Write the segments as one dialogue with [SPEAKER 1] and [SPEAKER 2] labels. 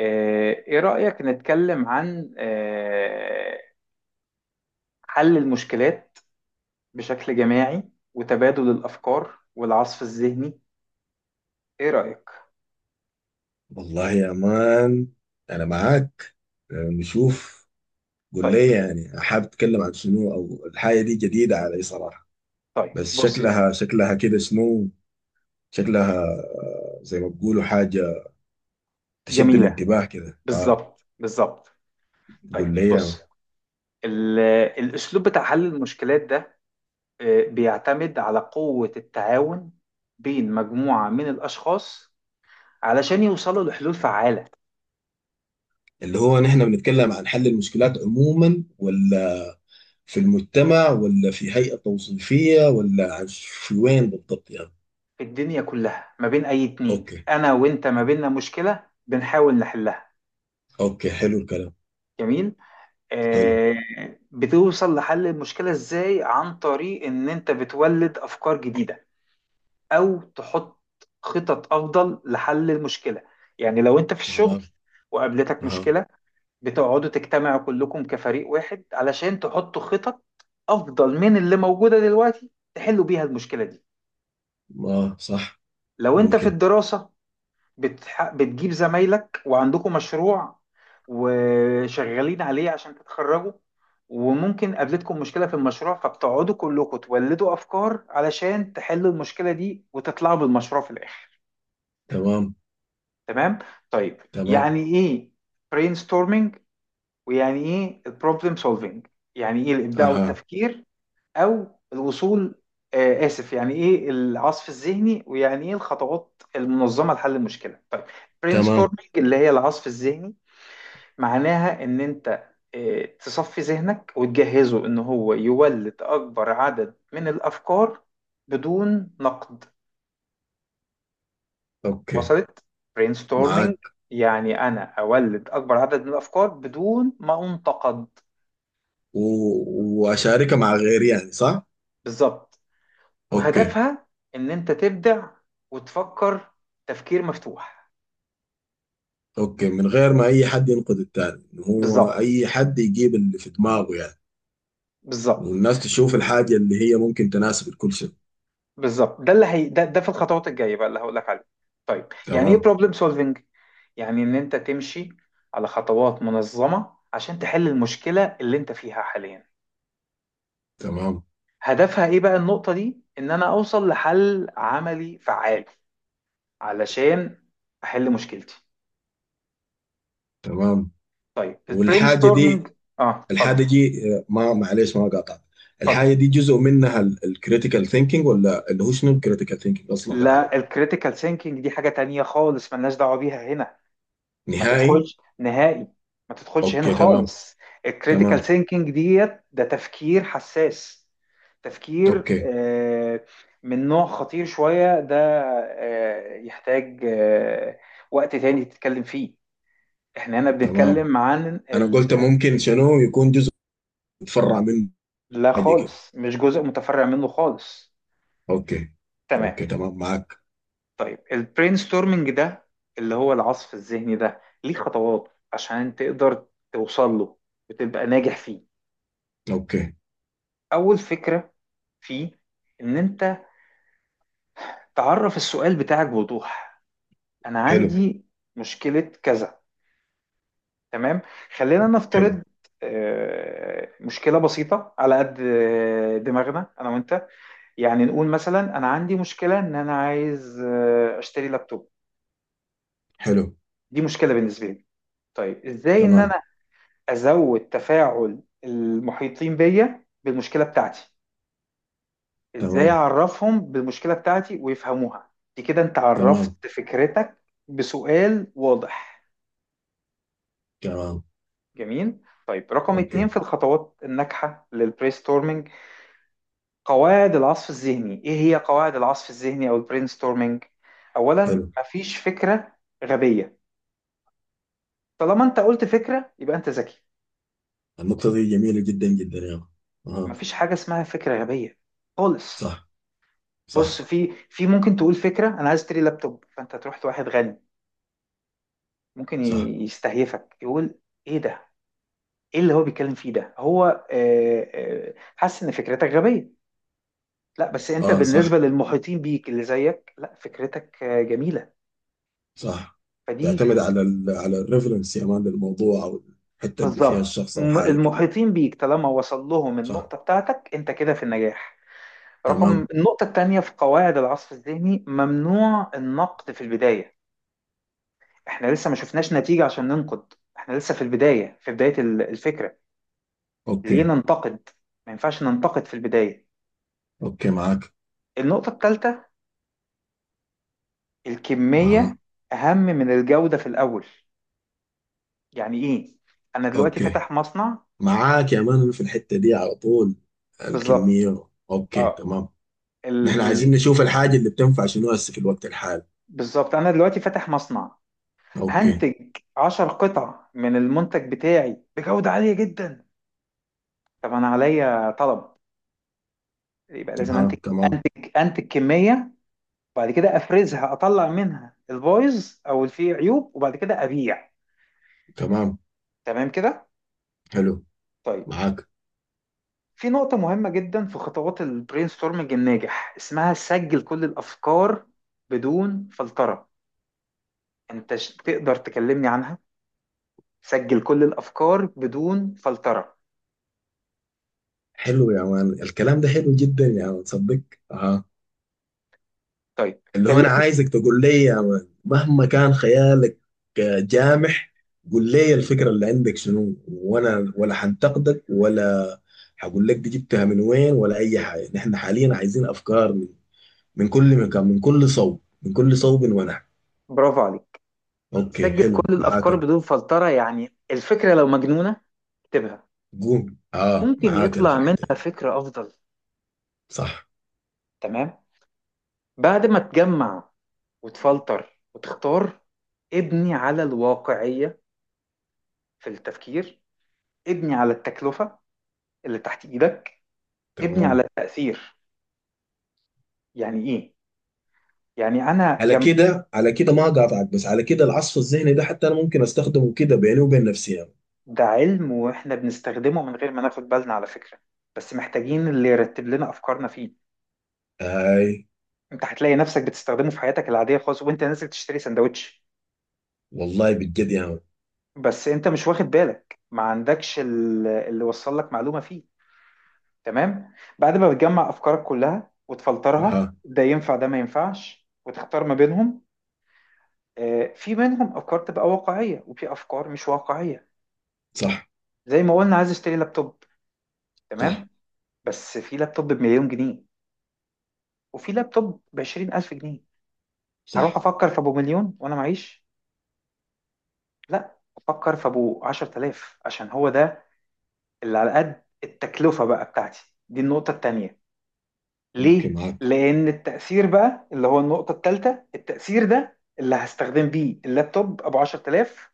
[SPEAKER 1] إيه رأيك نتكلم عن حل المشكلات بشكل جماعي وتبادل الأفكار والعصف الذهني. إيه رأيك؟
[SPEAKER 2] والله يا مان، انا معاك. نشوف. قول
[SPEAKER 1] طيب
[SPEAKER 2] لي، يعني حابب اتكلم عن شنو او الحاجه دي جديده علي صراحه.
[SPEAKER 1] طيب
[SPEAKER 2] بس
[SPEAKER 1] بص يا
[SPEAKER 2] شكلها
[SPEAKER 1] سيدي.
[SPEAKER 2] شكلها كده شنو؟ شكلها زي ما بيقولوا حاجه تشد
[SPEAKER 1] جميلة.
[SPEAKER 2] الانتباه كده. اه
[SPEAKER 1] بالظبط، بالظبط. طيب
[SPEAKER 2] قول لي يا مان.
[SPEAKER 1] بص، ال- الأسلوب بتاع حل المشكلات ده بيعتمد على قوة التعاون بين مجموعة من الأشخاص علشان يوصلوا لحلول فعالة.
[SPEAKER 2] اللي هو نحن بنتكلم عن حل المشكلات عموما، ولا في المجتمع، ولا في هيئه توصيفيه، ولا عن في وين بالضبط يعني؟
[SPEAKER 1] في الدنيا كلها ما بين أي اتنين،
[SPEAKER 2] اوكي،
[SPEAKER 1] أنا وأنت، ما بيننا مشكلة بنحاول نحلها.
[SPEAKER 2] اوكي حلو الكلام.
[SPEAKER 1] جميل.
[SPEAKER 2] حلو.
[SPEAKER 1] آه بتوصل لحل المشكلة ازاي؟ عن طريق ان انت بتولد افكار جديدة او تحط خطط افضل لحل المشكلة. يعني لو انت في الشغل
[SPEAKER 2] تمام.
[SPEAKER 1] وقابلتك
[SPEAKER 2] اها.
[SPEAKER 1] مشكلة، بتقعدوا تجتمعوا كلكم كفريق واحد علشان تحطوا خطط افضل من اللي موجودة دلوقتي تحلوا بيها المشكلة دي.
[SPEAKER 2] ما صح.
[SPEAKER 1] لو انت في
[SPEAKER 2] ممكن.
[SPEAKER 1] الدراسة، بتجيب زمايلك وعندكم مشروع وشغالين عليه عشان تتخرجوا، وممكن قابلتكم مشكلة في المشروع فبتقعدوا كلكم تولدوا أفكار علشان تحلوا المشكلة دي وتطلعوا بالمشروع في الآخر.
[SPEAKER 2] تمام.
[SPEAKER 1] تمام؟ طيب
[SPEAKER 2] تمام.
[SPEAKER 1] يعني إيه brainstorming ويعني إيه problem solving؟ يعني إيه الإبداع
[SPEAKER 2] اها.
[SPEAKER 1] والتفكير او الوصول، اسف، يعني ايه العصف الذهني ويعني ايه الخطوات المنظمه لحل المشكله. طيب، برين
[SPEAKER 2] تمام.
[SPEAKER 1] ستورمنج اللي هي العصف الذهني معناها ان انت تصفي ذهنك وتجهزه ان هو يولد اكبر عدد من الافكار بدون نقد.
[SPEAKER 2] اوكي
[SPEAKER 1] وصلت؟ برين ستورمنج
[SPEAKER 2] معاك.
[SPEAKER 1] يعني انا اولد اكبر عدد من الافكار بدون ما انتقد.
[SPEAKER 2] و... واشاركها مع غيري يعني، صح؟
[SPEAKER 1] بالظبط.
[SPEAKER 2] اوكي.
[SPEAKER 1] وهدفها ان انت تبدع وتفكر تفكير مفتوح.
[SPEAKER 2] اوكي، من غير ما اي حد ينقد التاني، إن هو
[SPEAKER 1] بالظبط،
[SPEAKER 2] اي حد يجيب اللي في دماغه يعني.
[SPEAKER 1] بالظبط،
[SPEAKER 2] والناس تشوف الحاجة اللي هي ممكن تناسب الكل شيء.
[SPEAKER 1] بالظبط. ده اللي هي ده في الخطوات الجايه بقى اللي هقول لك عليه. طيب يعني ايه
[SPEAKER 2] تمام.
[SPEAKER 1] بروبلم سولفنج؟ يعني ان انت تمشي على خطوات منظمه عشان تحل المشكله اللي انت فيها حاليا.
[SPEAKER 2] تمام.
[SPEAKER 1] هدفها ايه بقى النقطه دي؟ ان انا اوصل لحل عملي فعال علشان احل مشكلتي.
[SPEAKER 2] تمام.
[SPEAKER 1] طيب البرين
[SPEAKER 2] والحاجة
[SPEAKER 1] ستورمنج.
[SPEAKER 2] دي،
[SPEAKER 1] اه، اتفضل،
[SPEAKER 2] الحاجة دي ما معلش ما قاطع.
[SPEAKER 1] اتفضل.
[SPEAKER 2] الحاجة دي جزء منها الكريتيكال ثينكينج، ولا اللي هو شنو الكريتيكال ثينكينج اصلا بالعربي؟
[SPEAKER 1] لا، الكريتيكال ثينكينج دي حاجه تانية خالص، ملناش دعوه بيها هنا. ما
[SPEAKER 2] نهائي.
[SPEAKER 1] تدخلش نهائي، ما تدخلش هنا
[SPEAKER 2] اوكي تمام.
[SPEAKER 1] خالص. الكريتيكال
[SPEAKER 2] تمام.
[SPEAKER 1] ثينكينج ده تفكير حساس. تفكير
[SPEAKER 2] اوكي
[SPEAKER 1] من نوع خطير شوية ده، يحتاج وقت تاني تتكلم فيه. احنا هنا
[SPEAKER 2] تمام.
[SPEAKER 1] بنتكلم عن
[SPEAKER 2] انا قلت ممكن شنو يكون جزء متفرع منه،
[SPEAKER 1] لا
[SPEAKER 2] حاجه كده.
[SPEAKER 1] خالص، مش جزء متفرع منه خالص.
[SPEAKER 2] اوكي.
[SPEAKER 1] تمام.
[SPEAKER 2] اوكي تمام معاك.
[SPEAKER 1] طيب البرين ستورمنج ده اللي هو العصف الذهني ده، ليه خطوات عشان تقدر توصل له وتبقى ناجح فيه.
[SPEAKER 2] اوكي.
[SPEAKER 1] أول فكرة فيه ان انت تعرف السؤال بتاعك بوضوح. انا
[SPEAKER 2] حلو.
[SPEAKER 1] عندي مشكلة كذا. تمام، خلينا
[SPEAKER 2] حلو.
[SPEAKER 1] نفترض مشكلة بسيطة على قد دماغنا انا وانت. يعني نقول مثلا انا عندي مشكلة ان انا عايز اشتري لابتوب.
[SPEAKER 2] حلو.
[SPEAKER 1] دي مشكلة بالنسبة لي. طيب ازاي ان
[SPEAKER 2] تمام.
[SPEAKER 1] انا ازود تفاعل المحيطين بيا بالمشكلة بتاعتي، ازاي
[SPEAKER 2] تمام.
[SPEAKER 1] اعرفهم بالمشكله بتاعتي ويفهموها؟ دي كده انت
[SPEAKER 2] تمام.
[SPEAKER 1] عرفت فكرتك بسؤال واضح.
[SPEAKER 2] تمام.
[SPEAKER 1] جميل. طيب، رقم اتنين
[SPEAKER 2] اوكي.
[SPEAKER 1] في الخطوات الناجحه للبرينستورمينج: قواعد العصف الذهني. ايه هي قواعد العصف الذهني او البرينستورمينج؟
[SPEAKER 2] حلو.
[SPEAKER 1] اولا، مفيش فكره غبيه. طالما انت قلت فكره يبقى انت ذكي.
[SPEAKER 2] النقطه دي جميله جدا جدا يا أخي. اها.
[SPEAKER 1] مفيش حاجه اسمها فكره غبيه خالص.
[SPEAKER 2] صح.
[SPEAKER 1] بص،
[SPEAKER 2] صح.
[SPEAKER 1] في ممكن تقول فكره انا عايز اشتري لابتوب فانت تروح لواحد غني، ممكن
[SPEAKER 2] صح.
[SPEAKER 1] يستهيفك يقول ايه ده، ايه اللي هو بيتكلم فيه ده، هو حاسس ان فكرتك غبية. لا، بس انت
[SPEAKER 2] اه
[SPEAKER 1] بالنسبة
[SPEAKER 2] صح.
[SPEAKER 1] للمحيطين بيك اللي زيك لا، فكرتك جميلة.
[SPEAKER 2] صح.
[SPEAKER 1] فدي
[SPEAKER 2] تعتمد على على الريفرنس يا مان للموضوع، او الحته اللي فيها
[SPEAKER 1] بالظبط.
[SPEAKER 2] الشخص او حاجه كده.
[SPEAKER 1] المحيطين بيك طالما وصل لهم
[SPEAKER 2] صح.
[SPEAKER 1] النقطة بتاعتك انت كده في النجاح. رقم
[SPEAKER 2] تمام.
[SPEAKER 1] النقطة التانية في قواعد العصف الذهني: ممنوع النقد في البداية. احنا لسه ما شفناش نتيجة عشان ننقد، احنا لسه في البداية، في بداية الفكرة. ليه
[SPEAKER 2] اوكي.
[SPEAKER 1] ننتقد؟ ما ينفعش ننتقد في البداية.
[SPEAKER 2] اوكي معاك.
[SPEAKER 1] النقطة الثالثة: الكمية
[SPEAKER 2] اها.
[SPEAKER 1] أهم من الجودة في الأول. يعني إيه؟ أنا دلوقتي
[SPEAKER 2] اوكي
[SPEAKER 1] فاتح مصنع.
[SPEAKER 2] معاك يا مان في الحتة دي على طول.
[SPEAKER 1] بالظبط.
[SPEAKER 2] الكمية، اوكي
[SPEAKER 1] أه
[SPEAKER 2] تمام. نحن
[SPEAKER 1] ال...
[SPEAKER 2] عايزين
[SPEAKER 1] ال...
[SPEAKER 2] نشوف الحاجة اللي بتنفع شنو هسه في الوقت الحالي.
[SPEAKER 1] بالظبط، أنا دلوقتي فاتح مصنع.
[SPEAKER 2] اوكي.
[SPEAKER 1] هنتج 10 قطع من المنتج بتاعي بجودة عالية جدا. طب أنا عليا طلب، يبقى لازم
[SPEAKER 2] ها
[SPEAKER 1] أنتج
[SPEAKER 2] تمام.
[SPEAKER 1] أنتج كمية وبعد كده أفرزها، أطلع منها البايظ أو اللي فيه عيوب، وبعد كده أبيع.
[SPEAKER 2] تمام.
[SPEAKER 1] تمام كده؟
[SPEAKER 2] حلو.
[SPEAKER 1] طيب.
[SPEAKER 2] معاك.
[SPEAKER 1] في نقطة مهمة جدا في خطوات البرين ستورمنج الناجح اسمها: سجل كل الأفكار بدون فلترة. يعني أنت تقدر تكلمني عنها؟ سجل كل الأفكار بدون فلترة.
[SPEAKER 2] حلو يا مان، الكلام ده حلو جدا يا مان، صدق. ها.
[SPEAKER 1] طيب
[SPEAKER 2] اللي هو
[SPEAKER 1] كلمني.
[SPEAKER 2] انا عايزك تقول لي يا مان مهما كان خيالك جامح. قول لي الفكرة اللي عندك شنو، وانا ولا حنتقدك، ولا هقول لك دي جبتها من وين، ولا اي حاجة. نحن حاليا عايزين افكار من كل مكان، من كل صوب، من كل صوب ونحو.
[SPEAKER 1] برافو عليك.
[SPEAKER 2] اوكي
[SPEAKER 1] سجل
[SPEAKER 2] حلو،
[SPEAKER 1] كل
[SPEAKER 2] معاك
[SPEAKER 1] الأفكار
[SPEAKER 2] انا.
[SPEAKER 1] بدون فلترة، يعني الفكرة لو مجنونة اكتبها.
[SPEAKER 2] قوم اه،
[SPEAKER 1] ممكن
[SPEAKER 2] معاك انا في
[SPEAKER 1] يطلع
[SPEAKER 2] الحته
[SPEAKER 1] منها
[SPEAKER 2] دي.
[SPEAKER 1] فكرة أفضل.
[SPEAKER 2] صح.
[SPEAKER 1] تمام. بعد ما تجمع وتفلتر وتختار، ابني على الواقعية في التفكير، ابني على التكلفة اللي تحت إيدك، ابني على
[SPEAKER 2] تمام.
[SPEAKER 1] التأثير. يعني إيه؟ يعني أنا
[SPEAKER 2] على كده، على كده ما قاطعك، بس على كده العصف الذهني ده حتى انا ممكن استخدمه كده بيني وبين نفسي يعني.
[SPEAKER 1] ده علم وإحنا بنستخدمه من غير ما ناخد بالنا، على فكرة، بس محتاجين اللي يرتب لنا أفكارنا فيه.
[SPEAKER 2] اي
[SPEAKER 1] أنت هتلاقي نفسك بتستخدمه في حياتك العادية خالص، وأنت نازل تشتري سندوتش،
[SPEAKER 2] والله بجد يا مان.
[SPEAKER 1] بس أنت مش واخد بالك، ما عندكش اللي وصل لك معلومة فيه. تمام؟ بعد ما بتجمع أفكارك كلها
[SPEAKER 2] ها.
[SPEAKER 1] وتفلترها، ده ينفع ده ما ينفعش، وتختار ما بينهم. في منهم أفكار تبقى واقعية وفي أفكار مش واقعية.
[SPEAKER 2] صح.
[SPEAKER 1] زي ما قلنا عايز اشتري لابتوب.
[SPEAKER 2] صح.
[SPEAKER 1] تمام. بس في لابتوب بمليون جنيه وفي لابتوب بـ20 ألف جنيه. هروح
[SPEAKER 2] صح.
[SPEAKER 1] أفكر في أبو مليون وأنا معيش؟ لا، أفكر في أبو 10 آلاف عشان هو ده اللي على قد التكلفة بقى بتاعتي. دي النقطة التانية.
[SPEAKER 2] اوكي
[SPEAKER 1] ليه؟
[SPEAKER 2] معاك.
[SPEAKER 1] لأن التأثير بقى اللي هو النقطة التالتة. التأثير ده اللي هستخدم بيه اللابتوب أبو 10 آلاف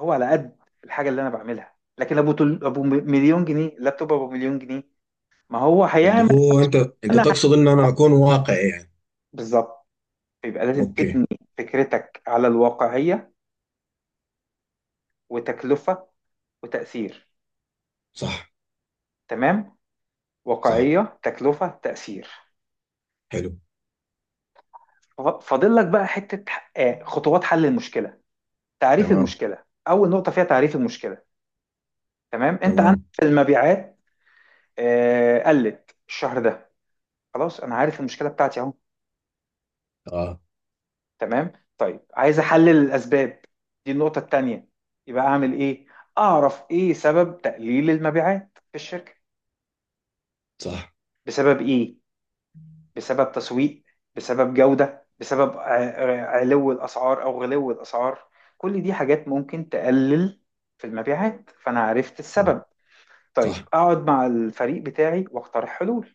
[SPEAKER 1] هو على قد الحاجة اللي أنا بعملها، لكن أبو مليون جنيه، لابتوب أبو مليون جنيه ما هو
[SPEAKER 2] اللي
[SPEAKER 1] هيعمل.
[SPEAKER 2] هو انت، انت
[SPEAKER 1] أنا
[SPEAKER 2] تقصد ان انا اكون واقعي يعني؟
[SPEAKER 1] بالظبط. يبقى لازم
[SPEAKER 2] اوكي.
[SPEAKER 1] تبني فكرتك على الواقعية وتكلفة وتأثير.
[SPEAKER 2] صح.
[SPEAKER 1] تمام.
[SPEAKER 2] صح.
[SPEAKER 1] واقعية، تكلفة، تأثير.
[SPEAKER 2] حلو.
[SPEAKER 1] فاضل لك بقى حتة، خطوات حل المشكلة. تعريف
[SPEAKER 2] تمام.
[SPEAKER 1] المشكلة أول نقطة فيها: تعريف المشكلة. تمام. أنت عندك
[SPEAKER 2] تمام.
[SPEAKER 1] المبيعات قلت الشهر ده، خلاص أنا عارف المشكلة بتاعتي أهو.
[SPEAKER 2] اه
[SPEAKER 1] تمام. طيب عايز أحلل الأسباب، دي النقطة التانية، يبقى أعمل إيه؟ أعرف إيه سبب تقليل المبيعات في الشركة.
[SPEAKER 2] صح.
[SPEAKER 1] بسبب إيه؟ بسبب تسويق، بسبب جودة، بسبب علو الأسعار أو غلو الأسعار. كل دي حاجات ممكن تقلل في المبيعات، فأنا عرفت
[SPEAKER 2] صح.
[SPEAKER 1] السبب. طيب،
[SPEAKER 2] صح.
[SPEAKER 1] أقعد مع الفريق بتاعي وأقترح حلول.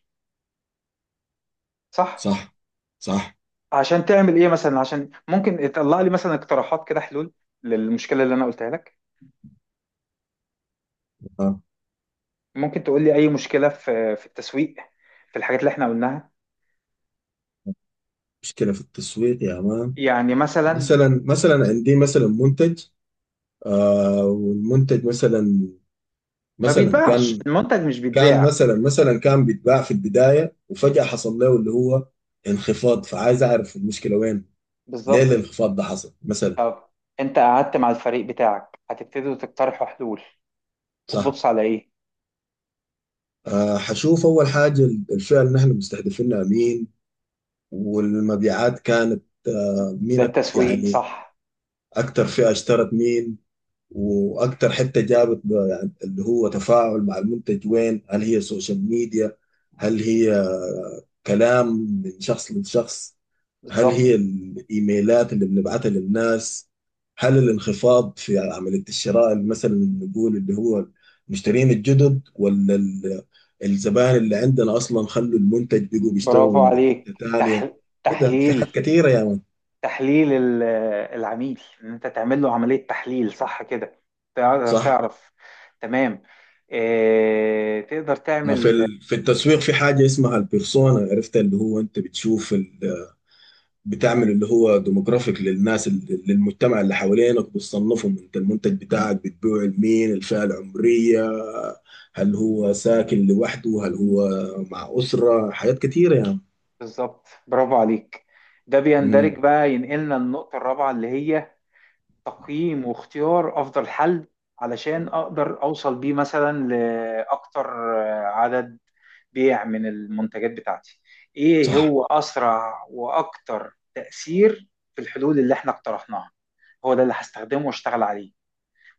[SPEAKER 1] صح.
[SPEAKER 2] صح. صح.
[SPEAKER 1] عشان تعمل إيه مثلا؟ عشان ممكن يطلع لي مثلا اقتراحات كده، حلول للمشكلة اللي أنا قلتها لك.
[SPEAKER 2] آه.
[SPEAKER 1] ممكن تقول لي أي مشكلة في التسويق، في الحاجات اللي إحنا قلناها.
[SPEAKER 2] مشكلة في التسويق يا مان.
[SPEAKER 1] يعني مثلا
[SPEAKER 2] مثلا، مثلا عندي مثلا منتج، آه والمنتج مثلا،
[SPEAKER 1] ما
[SPEAKER 2] مثلا
[SPEAKER 1] بيتباعش
[SPEAKER 2] كان
[SPEAKER 1] المنتج، مش
[SPEAKER 2] كان
[SPEAKER 1] بيتباع.
[SPEAKER 2] مثلا، مثلا كان بيتباع في البداية وفجأة حصل له اللي هو انخفاض، فعايز أعرف المشكلة وين. ليه
[SPEAKER 1] بالظبط.
[SPEAKER 2] الانخفاض ده حصل مثلا.
[SPEAKER 1] طب انت قعدت مع الفريق بتاعك هتبتدوا تقترحوا حلول،
[SPEAKER 2] صح.
[SPEAKER 1] هتبص على ايه؟
[SPEAKER 2] آه حشوف أول حاجة، الفئة اللي نحن مستهدفينها مين، والمبيعات كانت آه
[SPEAKER 1] ده
[SPEAKER 2] مين،
[SPEAKER 1] التسويق،
[SPEAKER 2] يعني
[SPEAKER 1] صح.
[SPEAKER 2] أكتر فئة اشترت مين، واكتر حته جابت يعني اللي هو تفاعل مع المنتج وين. هل هي سوشيال ميديا؟ هل هي كلام من شخص لشخص؟ هل
[SPEAKER 1] بالظبط.
[SPEAKER 2] هي الايميلات اللي بنبعتها للناس؟ هل الانخفاض في عمليه الشراء اللي مثلا نقول اللي هو المشترين الجدد، ولا الزبائن اللي عندنا اصلا خلوا المنتج بيجوا
[SPEAKER 1] برافو
[SPEAKER 2] بيشتروا من
[SPEAKER 1] عليك.
[SPEAKER 2] حته
[SPEAKER 1] تح...
[SPEAKER 2] تانيه؟ كده في حاجات
[SPEAKER 1] تحليل،
[SPEAKER 2] كثيره يا مان.
[SPEAKER 1] تحليل العميل، ان انت تعمل له عملية تحليل صح كده تقدر
[SPEAKER 2] صح.
[SPEAKER 1] تعرف. تمام. اه... تقدر
[SPEAKER 2] ما في
[SPEAKER 1] تعمل.
[SPEAKER 2] في التسويق في حاجة اسمها البيرسونا، عرفت؟ اللي هو انت بتشوف بتعمل اللي هو ديموغرافيك للناس، للمجتمع اللي حوالينك، بتصنفهم انت المنتج بتاعك بتبيعه لمين. الفئة العمرية، هل هو ساكن لوحده، هل هو مع أسرة، حاجات كتيرة يعني.
[SPEAKER 1] بالظبط. برافو عليك. ده بيندرج
[SPEAKER 2] امم.
[SPEAKER 1] بقى، ينقلنا النقطة الرابعة اللي هي تقييم واختيار افضل حل، علشان اقدر اوصل بيه مثلا لاكتر عدد بيع من المنتجات بتاعتي. ايه
[SPEAKER 2] صح.
[SPEAKER 1] هو اسرع واكتر تأثير في الحلول اللي احنا اقترحناها؟ هو ده اللي هستخدمه واشتغل عليه.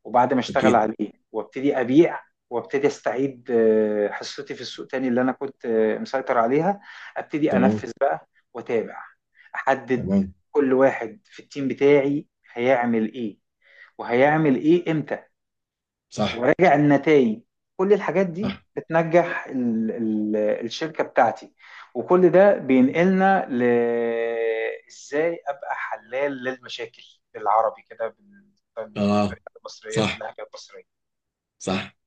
[SPEAKER 1] وبعد ما اشتغل
[SPEAKER 2] أكيد.
[SPEAKER 1] عليه وابتدي ابيع وابتدي استعيد حصتي في السوق تاني اللي انا كنت مسيطر عليها. ابتدي
[SPEAKER 2] تمام.
[SPEAKER 1] انفذ بقى، واتابع، احدد
[SPEAKER 2] تمام.
[SPEAKER 1] كل واحد في التيم بتاعي هيعمل ايه وهيعمل ايه امتى،
[SPEAKER 2] صح.
[SPEAKER 1] وراجع النتائج. كل الحاجات دي
[SPEAKER 2] صح.
[SPEAKER 1] بتنجح ال ال الشركة بتاعتي. وكل ده بينقلنا ل ازاي ابقى حلال للمشاكل بالعربي كده،
[SPEAKER 2] اه
[SPEAKER 1] بالمصرية،
[SPEAKER 2] صح.
[SPEAKER 1] باللهجة المصرية.
[SPEAKER 2] صح.